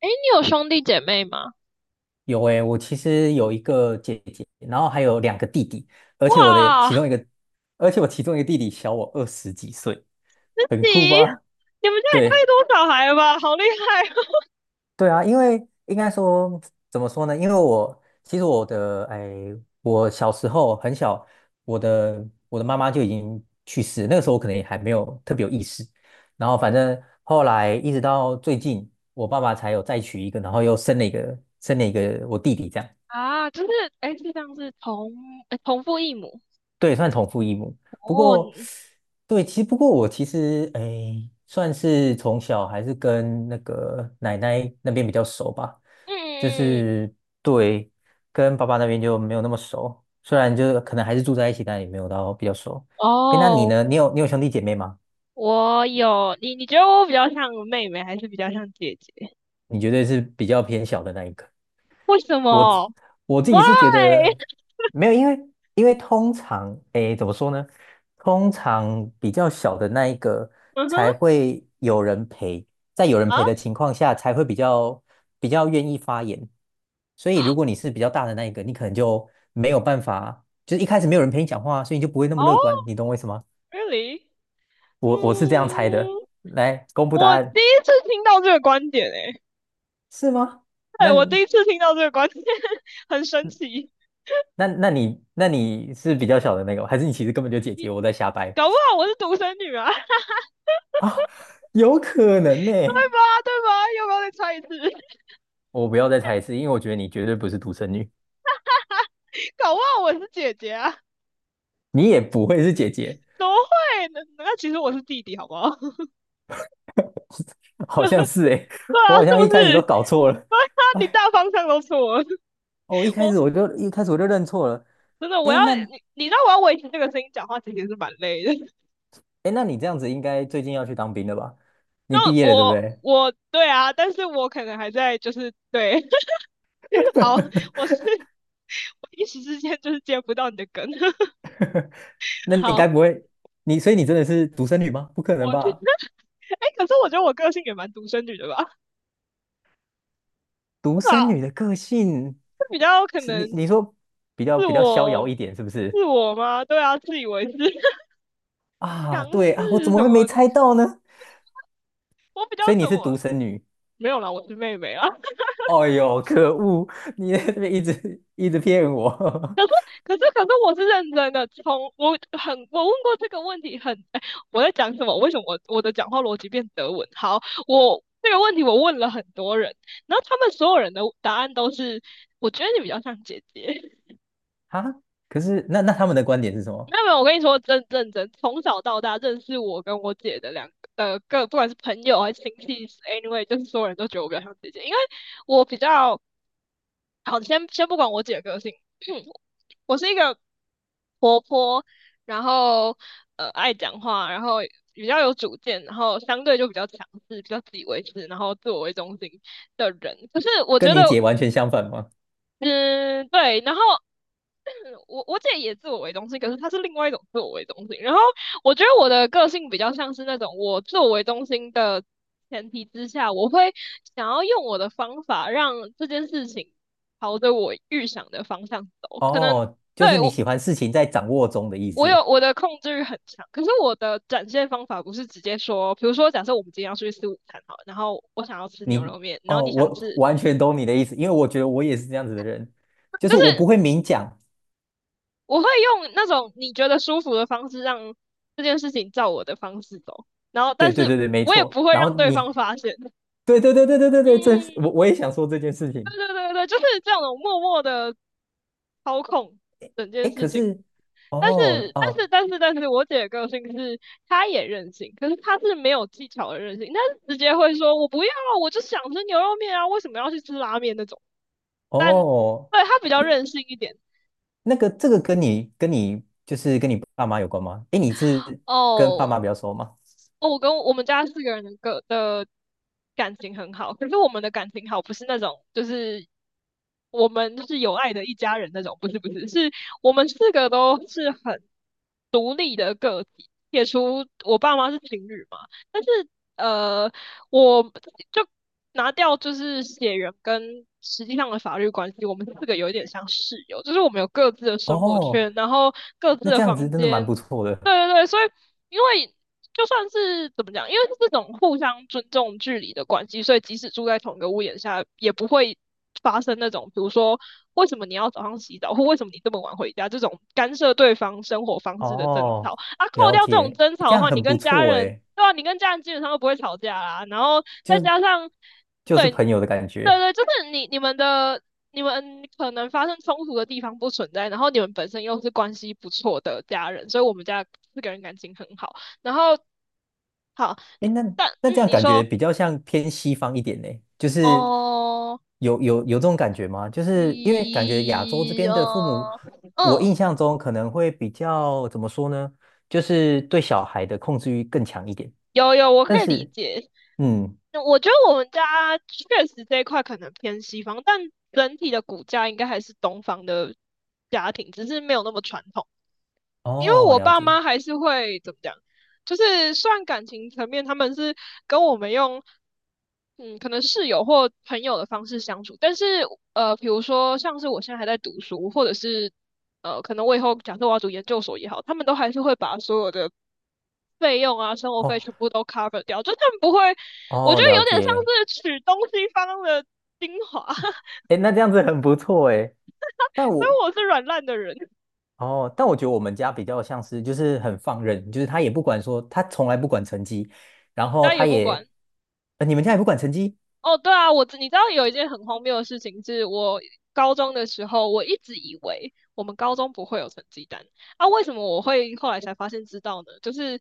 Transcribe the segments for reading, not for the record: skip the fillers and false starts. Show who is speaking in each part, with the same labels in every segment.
Speaker 1: 哎，你有兄弟姐妹吗？
Speaker 2: 有诶，我其实有一个姐姐，然后还有两个弟弟，而且我的
Speaker 1: 哇，
Speaker 2: 其中一个，而且我其中一个弟弟小我二十几岁，
Speaker 1: 自
Speaker 2: 很酷
Speaker 1: 己，
Speaker 2: 吧？
Speaker 1: 你们家也太
Speaker 2: 对
Speaker 1: 多小孩了吧，好厉害哦。
Speaker 2: 对啊，因为应该说怎么说呢？因为我小时候很小，我的妈妈就已经去世了。那个时候我可能也还没有特别有意识，然后反正后来一直到最近，我爸爸才有再娶一个，然后又生了一个我弟弟这样。
Speaker 1: 啊！就是，哎，是这样是同，哎同父异母。
Speaker 2: 对，算同父异母。不
Speaker 1: 哦，
Speaker 2: 过，
Speaker 1: 你
Speaker 2: 对，其实不过我其实诶，算是从小还是跟那个奶奶那边比较熟吧。
Speaker 1: 嗯
Speaker 2: 就
Speaker 1: 嗯嗯嗯，
Speaker 2: 是对，跟爸爸那边就没有那么熟。虽然就是可能还是住在一起，但也没有到比较熟。诶，那你
Speaker 1: 哦，
Speaker 2: 呢？你有兄弟姐妹吗？
Speaker 1: 我有，你觉得我比较像妹妹，还是比较像姐姐？
Speaker 2: 你绝对是比较偏小的那一个。
Speaker 1: 为什
Speaker 2: 我自
Speaker 1: 么
Speaker 2: 我自
Speaker 1: ？Why？
Speaker 2: 己是觉得 没有。因为通常，诶，怎么说呢？通常比较小的那一个
Speaker 1: 嗯哼，
Speaker 2: 才会有人陪，在有人
Speaker 1: 啊，
Speaker 2: 陪的情况下，才会比较愿意发言。所以如果你是比较大的那一个，你可能就没有办法，就是一开始没有人陪你讲话啊，所以你就不会那
Speaker 1: 哦
Speaker 2: 么乐观。你懂我意思吗？
Speaker 1: ，really？
Speaker 2: 我是这样猜
Speaker 1: 嗯，
Speaker 2: 的。来公布答
Speaker 1: 我第
Speaker 2: 案，
Speaker 1: 一次听到这个观点，诶，
Speaker 2: 是吗？
Speaker 1: 对，我
Speaker 2: 那
Speaker 1: 第一次听到这个观点，很神奇。
Speaker 2: 那你是比较小的那个吗？还是你其实根本就姐姐，我在瞎掰？
Speaker 1: 搞不好我是独生女啊，
Speaker 2: 啊，有可能呢、
Speaker 1: 对吧？对吧？要不要再猜一次？
Speaker 2: 我不要再猜一次，因为我觉得你绝对不是独生女，
Speaker 1: 搞不好我是姐姐啊，
Speaker 2: 你也不会是姐姐。
Speaker 1: 怎么会？那那其实我是弟弟，好不好？
Speaker 2: 好像是诶、
Speaker 1: 对
Speaker 2: 我
Speaker 1: 啊，是
Speaker 2: 好像一
Speaker 1: 不
Speaker 2: 开始
Speaker 1: 是？
Speaker 2: 都搞错了。
Speaker 1: 啊，你
Speaker 2: 哎，
Speaker 1: 大方向都错了，
Speaker 2: 我一开
Speaker 1: 我。
Speaker 2: 始我就一开始我就认错了。
Speaker 1: 真的，我
Speaker 2: 诶，
Speaker 1: 要
Speaker 2: 那
Speaker 1: 你，你知道我要维持这个声音讲话，其实是蛮累的。
Speaker 2: 诶，那你这样子应该最近要去当兵了吧？你
Speaker 1: 那
Speaker 2: 毕业了对不
Speaker 1: 我
Speaker 2: 对？
Speaker 1: 我对啊，但是我可能还在就是对，好，我是我一时之间就是接不到你的梗。
Speaker 2: 那你
Speaker 1: 好，
Speaker 2: 该不会你所以你真的是独生女吗？不可能
Speaker 1: 我觉哎，
Speaker 2: 吧？
Speaker 1: 欸可是我觉得我个性也蛮独生女的吧，对
Speaker 2: 独生
Speaker 1: 吧？
Speaker 2: 女的个性
Speaker 1: 是比较可
Speaker 2: 是你
Speaker 1: 能
Speaker 2: 你说比较
Speaker 1: 是
Speaker 2: 比较逍遥
Speaker 1: 我
Speaker 2: 一点是不是？
Speaker 1: 是我吗？对啊，自以为是 强
Speaker 2: 啊，
Speaker 1: 势
Speaker 2: 对啊，我怎么
Speaker 1: 什
Speaker 2: 会没
Speaker 1: 么的。
Speaker 2: 猜到呢？
Speaker 1: 我比较
Speaker 2: 所以你
Speaker 1: 怎
Speaker 2: 是
Speaker 1: 我
Speaker 2: 独生女。
Speaker 1: 没有啦，我是妹妹啊。
Speaker 2: 哦呦，可恶！你在这边一直一直骗我
Speaker 1: 可是可是我是认真的，从我很我问过这个问题很，哎，我在讲什么？为什么我的讲话逻辑变德文？好，我这个问题我问了很多人，然后他们所有人的答案都是，我觉得你比较像姐姐。
Speaker 2: 哈，可是那他们的观点是什
Speaker 1: 没
Speaker 2: 么？
Speaker 1: 有没有，我跟你说，真认真，从小到大认识我跟我姐的两个各，不管是朋友还是亲戚，anyway，就是所有人都觉得我比较像姐姐，因为我比较好，先先不管我姐的个性，我是一个活泼，然后爱讲话，然后比较有主见，然后相对就比较强势，比较自以为是，然后自我为中心的人。可是我觉
Speaker 2: 跟
Speaker 1: 得，
Speaker 2: 你姐完全相反吗？
Speaker 1: 嗯，对，然后我姐也自我为中心，可是她是另外一种自我为中心。然后我觉得我的个性比较像是那种我自我为中心的前提之下，我会想要用我的方法让这件事情朝着我预想的方向走。可能
Speaker 2: 哦，就是
Speaker 1: 对
Speaker 2: 你
Speaker 1: 我
Speaker 2: 喜欢事情在掌握中的意
Speaker 1: 我
Speaker 2: 思。
Speaker 1: 有我的控制欲很强，可是我的展现方法不是直接说，比如说假设我们今天要出去吃午餐好了然后我想要吃牛
Speaker 2: 你
Speaker 1: 肉面，然后
Speaker 2: 哦，
Speaker 1: 你想
Speaker 2: 我
Speaker 1: 吃，
Speaker 2: 完全懂你的意思，因为我觉得我也是这样子的人，就
Speaker 1: 就
Speaker 2: 是我不
Speaker 1: 是
Speaker 2: 会明讲。
Speaker 1: 我会用那种你觉得舒服的方式让这件事情照我的方式走，然后
Speaker 2: 对
Speaker 1: 但
Speaker 2: 对
Speaker 1: 是
Speaker 2: 对对，没
Speaker 1: 我也不
Speaker 2: 错。
Speaker 1: 会
Speaker 2: 然后
Speaker 1: 让对
Speaker 2: 你，
Speaker 1: 方发现。
Speaker 2: 对对对对对对对，这是
Speaker 1: 嗯，
Speaker 2: 我也想说这件事情。
Speaker 1: 对对对对，就是这种默默的操控整件
Speaker 2: 哎，
Speaker 1: 事
Speaker 2: 可
Speaker 1: 情。
Speaker 2: 是
Speaker 1: 但
Speaker 2: 哦
Speaker 1: 是但是
Speaker 2: 哦
Speaker 1: 但是但是，我姐的个性是她也任性，可是她是没有技巧的任性，她是直接会说我不要啊，我就想吃牛肉面啊，为什么要去吃拉面那种？但
Speaker 2: 哦，
Speaker 1: 对她比较任性一点。
Speaker 2: 那个这个跟你跟你就是跟你爸妈有关吗？诶，你是跟爸
Speaker 1: 哦，
Speaker 2: 妈比较熟吗？
Speaker 1: 哦，我跟我们家四个人的个的感情很好，可是我们的感情好不是那种，就是我们是有爱的一家人那种，不是不是，是我们四个都是很撇除我爸妈是情侣嘛，但是呃，我就拿掉就是血缘跟实际上的法律关系，我们四个有一点像室友，就是我们有各自的生活
Speaker 2: 哦，
Speaker 1: 圈，然后各自
Speaker 2: 那
Speaker 1: 的
Speaker 2: 这样子
Speaker 1: 房
Speaker 2: 真的蛮不
Speaker 1: 间，
Speaker 2: 错
Speaker 1: 对
Speaker 2: 的。
Speaker 1: 对对，所以因为就算是怎么讲，因为是这种互相尊重距离的关系，所以即使住在同一个屋檐下，也不会发生那种，比如说为什么你要早上洗澡，或为什么你这么晚回家这种干涉对方生活方式的争吵。
Speaker 2: 哦，
Speaker 1: 啊，扣
Speaker 2: 了
Speaker 1: 掉这种
Speaker 2: 解，
Speaker 1: 争吵
Speaker 2: 这
Speaker 1: 的
Speaker 2: 样
Speaker 1: 话，你
Speaker 2: 很不
Speaker 1: 跟家
Speaker 2: 错
Speaker 1: 人，
Speaker 2: 诶，
Speaker 1: 对吧、啊你跟家人基本上都不会吵架啦。然后再
Speaker 2: 就
Speaker 1: 加上，
Speaker 2: 就是
Speaker 1: 对，对
Speaker 2: 朋友的感觉。
Speaker 1: 对，就是你你们的。你们可能发生冲突的地方不存在，然后你们本身又是关系不错的家人，所以我们家四个人感情很好。然后好，
Speaker 2: 诶，那这
Speaker 1: 嗯，
Speaker 2: 样
Speaker 1: 你
Speaker 2: 感觉
Speaker 1: 说，
Speaker 2: 比较像偏西方一点呢，就是
Speaker 1: 哦，
Speaker 2: 有这种感觉吗？就是因为感觉亚洲这
Speaker 1: 一，
Speaker 2: 边的父母，
Speaker 1: 哦，
Speaker 2: 我
Speaker 1: 嗯，
Speaker 2: 印象中可能会比较怎么说呢？就是对小孩的控制欲更强一点，
Speaker 1: 有有，我
Speaker 2: 但
Speaker 1: 可以理
Speaker 2: 是。
Speaker 1: 解。
Speaker 2: 嗯，
Speaker 1: 那我觉得我们家确实这一块可能偏西方，但整体的骨架应该还是东方的家庭，只是没有那么传统。因为
Speaker 2: 哦，
Speaker 1: 我
Speaker 2: 了
Speaker 1: 爸
Speaker 2: 解，
Speaker 1: 妈还是会怎么讲，就是虽然感情层面他们是跟我们用，嗯，可能室友或朋友的方式相处，但是比如说像是我现在还在读书，或者是可能我以后假设我要读研究所也好，他们都还是会把所有的费用啊、生活费
Speaker 2: 哦
Speaker 1: 全部都 cover 掉，就他们不会，我
Speaker 2: 哦，
Speaker 1: 觉得
Speaker 2: 了
Speaker 1: 有点像
Speaker 2: 解，
Speaker 1: 是取东西方的精华，所
Speaker 2: 哎，那这样子很不错哎。但
Speaker 1: 以
Speaker 2: 我
Speaker 1: 我是软烂的人，
Speaker 2: 哦，但我觉得我们家比较像是就是很放任，就是他也不管说，他从来不管成绩。然
Speaker 1: 大
Speaker 2: 后
Speaker 1: 家也
Speaker 2: 他
Speaker 1: 不
Speaker 2: 也，
Speaker 1: 管。
Speaker 2: 呃你们家也不管成绩，
Speaker 1: 哦，对啊，我知你知道有一件很荒谬的事情，是我高中的时候，我一直以为我们高中不会有成绩单啊，为什么我会后来才发现知道呢？就是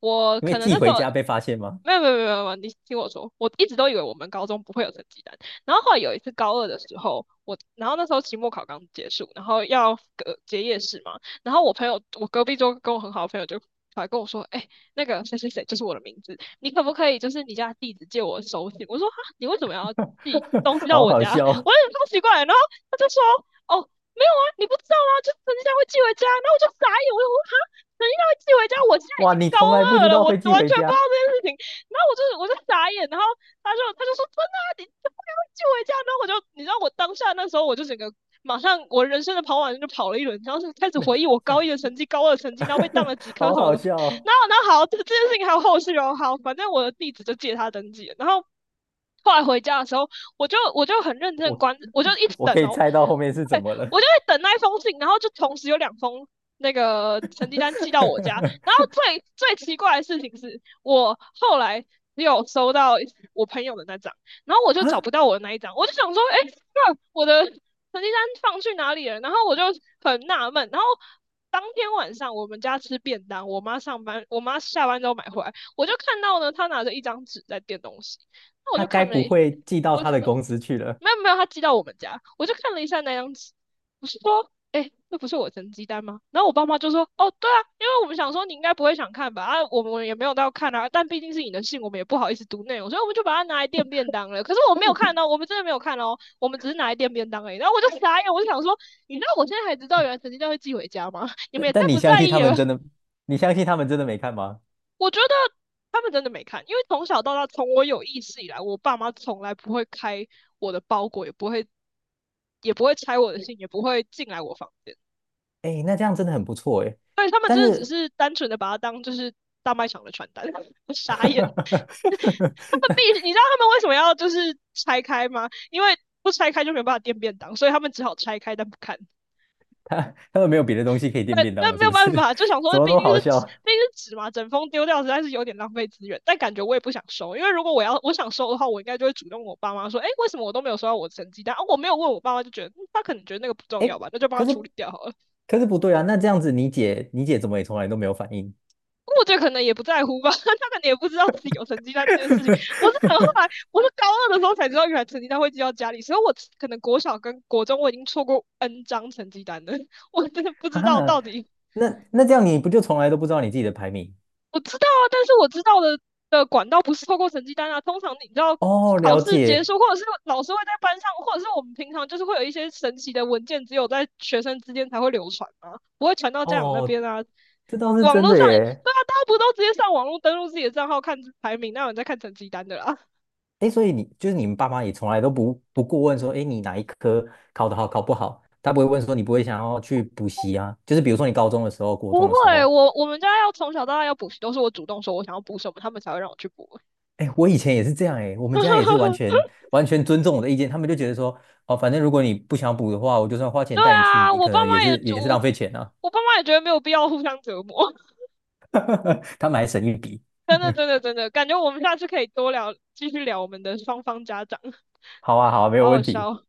Speaker 1: 我
Speaker 2: 因为
Speaker 1: 可能
Speaker 2: 寄
Speaker 1: 那时候
Speaker 2: 回家被发现吗？
Speaker 1: 没有，你听我说，我一直都以为我们高中不会有成绩单，然后后来有一次高二的时候，我然后那时候期末考刚结束，然后要隔结业式嘛，然后我朋友我隔壁桌跟我很好的朋友就。来跟我说，哎、那个谁谁谁就是我的名字，你可不可以就是你家地址借我手写？我说你为什么要寄？
Speaker 2: 好好笑
Speaker 1: 我
Speaker 2: 哦
Speaker 1: 有点超奇怪。然后他就说，哦，没有啊，你不知道吗？就成绩单会寄回家。然后我就傻眼，我就说哈，成绩单会寄回家？我现在已
Speaker 2: 哇，
Speaker 1: 经
Speaker 2: 你
Speaker 1: 高
Speaker 2: 从来不
Speaker 1: 二
Speaker 2: 知
Speaker 1: 了，
Speaker 2: 道
Speaker 1: 我
Speaker 2: 会寄
Speaker 1: 完
Speaker 2: 回
Speaker 1: 全不知道
Speaker 2: 家，
Speaker 1: 这件事情。然后我就傻眼，然后他就说真的啊，你怎不该会寄回家。然后我就你知道我当下那时候我就整个。马上，我人生的跑马灯就跑了一轮，然后是开始回忆我高一的成绩、高二的成绩，然后被当了 几科
Speaker 2: 好
Speaker 1: 什么
Speaker 2: 好
Speaker 1: 的。
Speaker 2: 笑哦，
Speaker 1: 然后，然后好，这这件事情还有后续哦。好，反正我的地址就借他登记了然后 后来回家的时候，我就很认真
Speaker 2: 我
Speaker 1: 关，我就一直
Speaker 2: 我
Speaker 1: 等
Speaker 2: 可以
Speaker 1: 哦，
Speaker 2: 猜到后面是怎
Speaker 1: 对，
Speaker 2: 么了，
Speaker 1: 我就会等那一封信，然后就同时有两封那个成绩单寄到我家。然后 最最奇怪的事情是我后来只有收到我朋友的那张，然后我就
Speaker 2: 啊，
Speaker 1: 找不到我的那一张，我就想说，哎，欸那我的成绩单放去哪里了？然后我就很纳闷。然后当天晚上我们家吃便当，我妈上班，我妈下班之后买回来，我就看到呢，她拿着一张纸在垫东西。那我
Speaker 2: 他
Speaker 1: 就
Speaker 2: 该
Speaker 1: 看了
Speaker 2: 不会寄到
Speaker 1: 我就
Speaker 2: 他的公司去了？
Speaker 1: 没有没有，他寄到我们家，我就看了一下那张纸，我是说，哎、那不是我成绩单吗？然后我爸妈就说，哦，对啊，因为我们想说你应该不会想看吧，啊，我们也没有到看啊，但毕竟是你的信，我们也不好意思读内容，所以我们就把它拿来垫便当了。可是我没有看哦，我们真的没有看哦，我们只是拿来垫便当而已。然后我就 傻眼，我就想说，你知道我现在才知道原来成绩单会寄回家吗？你们
Speaker 2: 但
Speaker 1: 也太
Speaker 2: 但你
Speaker 1: 不
Speaker 2: 相
Speaker 1: 在
Speaker 2: 信
Speaker 1: 意
Speaker 2: 他们
Speaker 1: 了
Speaker 2: 真的？你相信他们真的没看吗？
Speaker 1: 我觉得他们真的没看，因为从小到大，从我有意识以来，我爸妈从来不会开我的包裹，也不会拆我的信，也不会进来我房间。
Speaker 2: 哎，那这样真的很不错哎。
Speaker 1: 对他们
Speaker 2: 但
Speaker 1: 真的只
Speaker 2: 是
Speaker 1: 是单纯的把它当就是大卖场的传单，我 傻眼。他们必须，你知道他们为什么要就是拆开吗？因为不拆开就没有办法垫便当，所以他们只好拆开但不看。
Speaker 2: 他们没有别的东西可以垫
Speaker 1: 对，
Speaker 2: 便当
Speaker 1: 但
Speaker 2: 了，
Speaker 1: 没
Speaker 2: 是
Speaker 1: 有
Speaker 2: 不是？
Speaker 1: 办法，就想
Speaker 2: 怎
Speaker 1: 说
Speaker 2: 么那么好笑？
Speaker 1: 毕竟是纸嘛，整封丢掉实在是有点浪费资源。但感觉我也不想收，因为如果我要我想收的话，我应该就会主动我爸妈说，哎、欸为什么我都没有收到我的成绩单？啊，我没有问我爸妈，就觉得、嗯他可能觉得那个不重要
Speaker 2: 哎，
Speaker 1: 吧，那就帮他
Speaker 2: 可是
Speaker 1: 处理掉好了。
Speaker 2: 可是不对啊，那这样子你姐怎么也从来都没有反应？
Speaker 1: 我觉得可能也不在乎吧，他可能也不知道自己有成绩单这件事情。我是很后 来，我是高二的时候才知道，原来成绩单会寄到家里，所以我可能国小跟国中我已经错过 N 张成绩单了，我真的不
Speaker 2: 哈
Speaker 1: 知道
Speaker 2: 哈，
Speaker 1: 到底
Speaker 2: 那这样你不就从来都不知道你自己的排名？
Speaker 1: 我知道啊，但是我知道的的管道不是透过成绩单啊。通常你知道
Speaker 2: 哦，
Speaker 1: 考
Speaker 2: 了
Speaker 1: 试结
Speaker 2: 解，
Speaker 1: 束，或者是老师会在班上，或者是我们平常就是会有一些神奇的文件，只有在学生之间才会流传嘛，不会传到家长那
Speaker 2: 哦，
Speaker 1: 边啊。
Speaker 2: 这倒是
Speaker 1: 网
Speaker 2: 真
Speaker 1: 络
Speaker 2: 的
Speaker 1: 上也，
Speaker 2: 耶。
Speaker 1: 对啊，大家不都直接上网络登录自己的账号看排名，那有人在看成绩单的啦？
Speaker 2: 哎，所以就是你们爸妈也从来都不过问说，哎，你哪一科考得好，考不好，他不会问说你不会想要去补习啊？就是比如说你高中的时候、国
Speaker 1: 不
Speaker 2: 中的时
Speaker 1: 会，
Speaker 2: 候，
Speaker 1: 我我们家要从小到大要补习，都是我主动说我想要补什么，他们才会让我去补。
Speaker 2: 哎，我以前也是这样，哎，我们家也是完 全完全尊重我的意见。他们就觉得说，哦，反正如果你不想补的话，我就算花钱
Speaker 1: 对
Speaker 2: 带你去，
Speaker 1: 啊，
Speaker 2: 你可能也是也是浪费钱啊，
Speaker 1: 我爸妈也觉得没有必要互相折磨。
Speaker 2: 他们还省一笔。
Speaker 1: 真的，感觉我们下次可以多聊，继续聊我们的双方家长，
Speaker 2: 好啊，好啊，没有
Speaker 1: 好好
Speaker 2: 问题，
Speaker 1: 笑哦。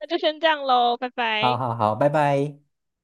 Speaker 1: 那就先这样喽，拜
Speaker 2: 好
Speaker 1: 拜。
Speaker 2: 好好，拜拜。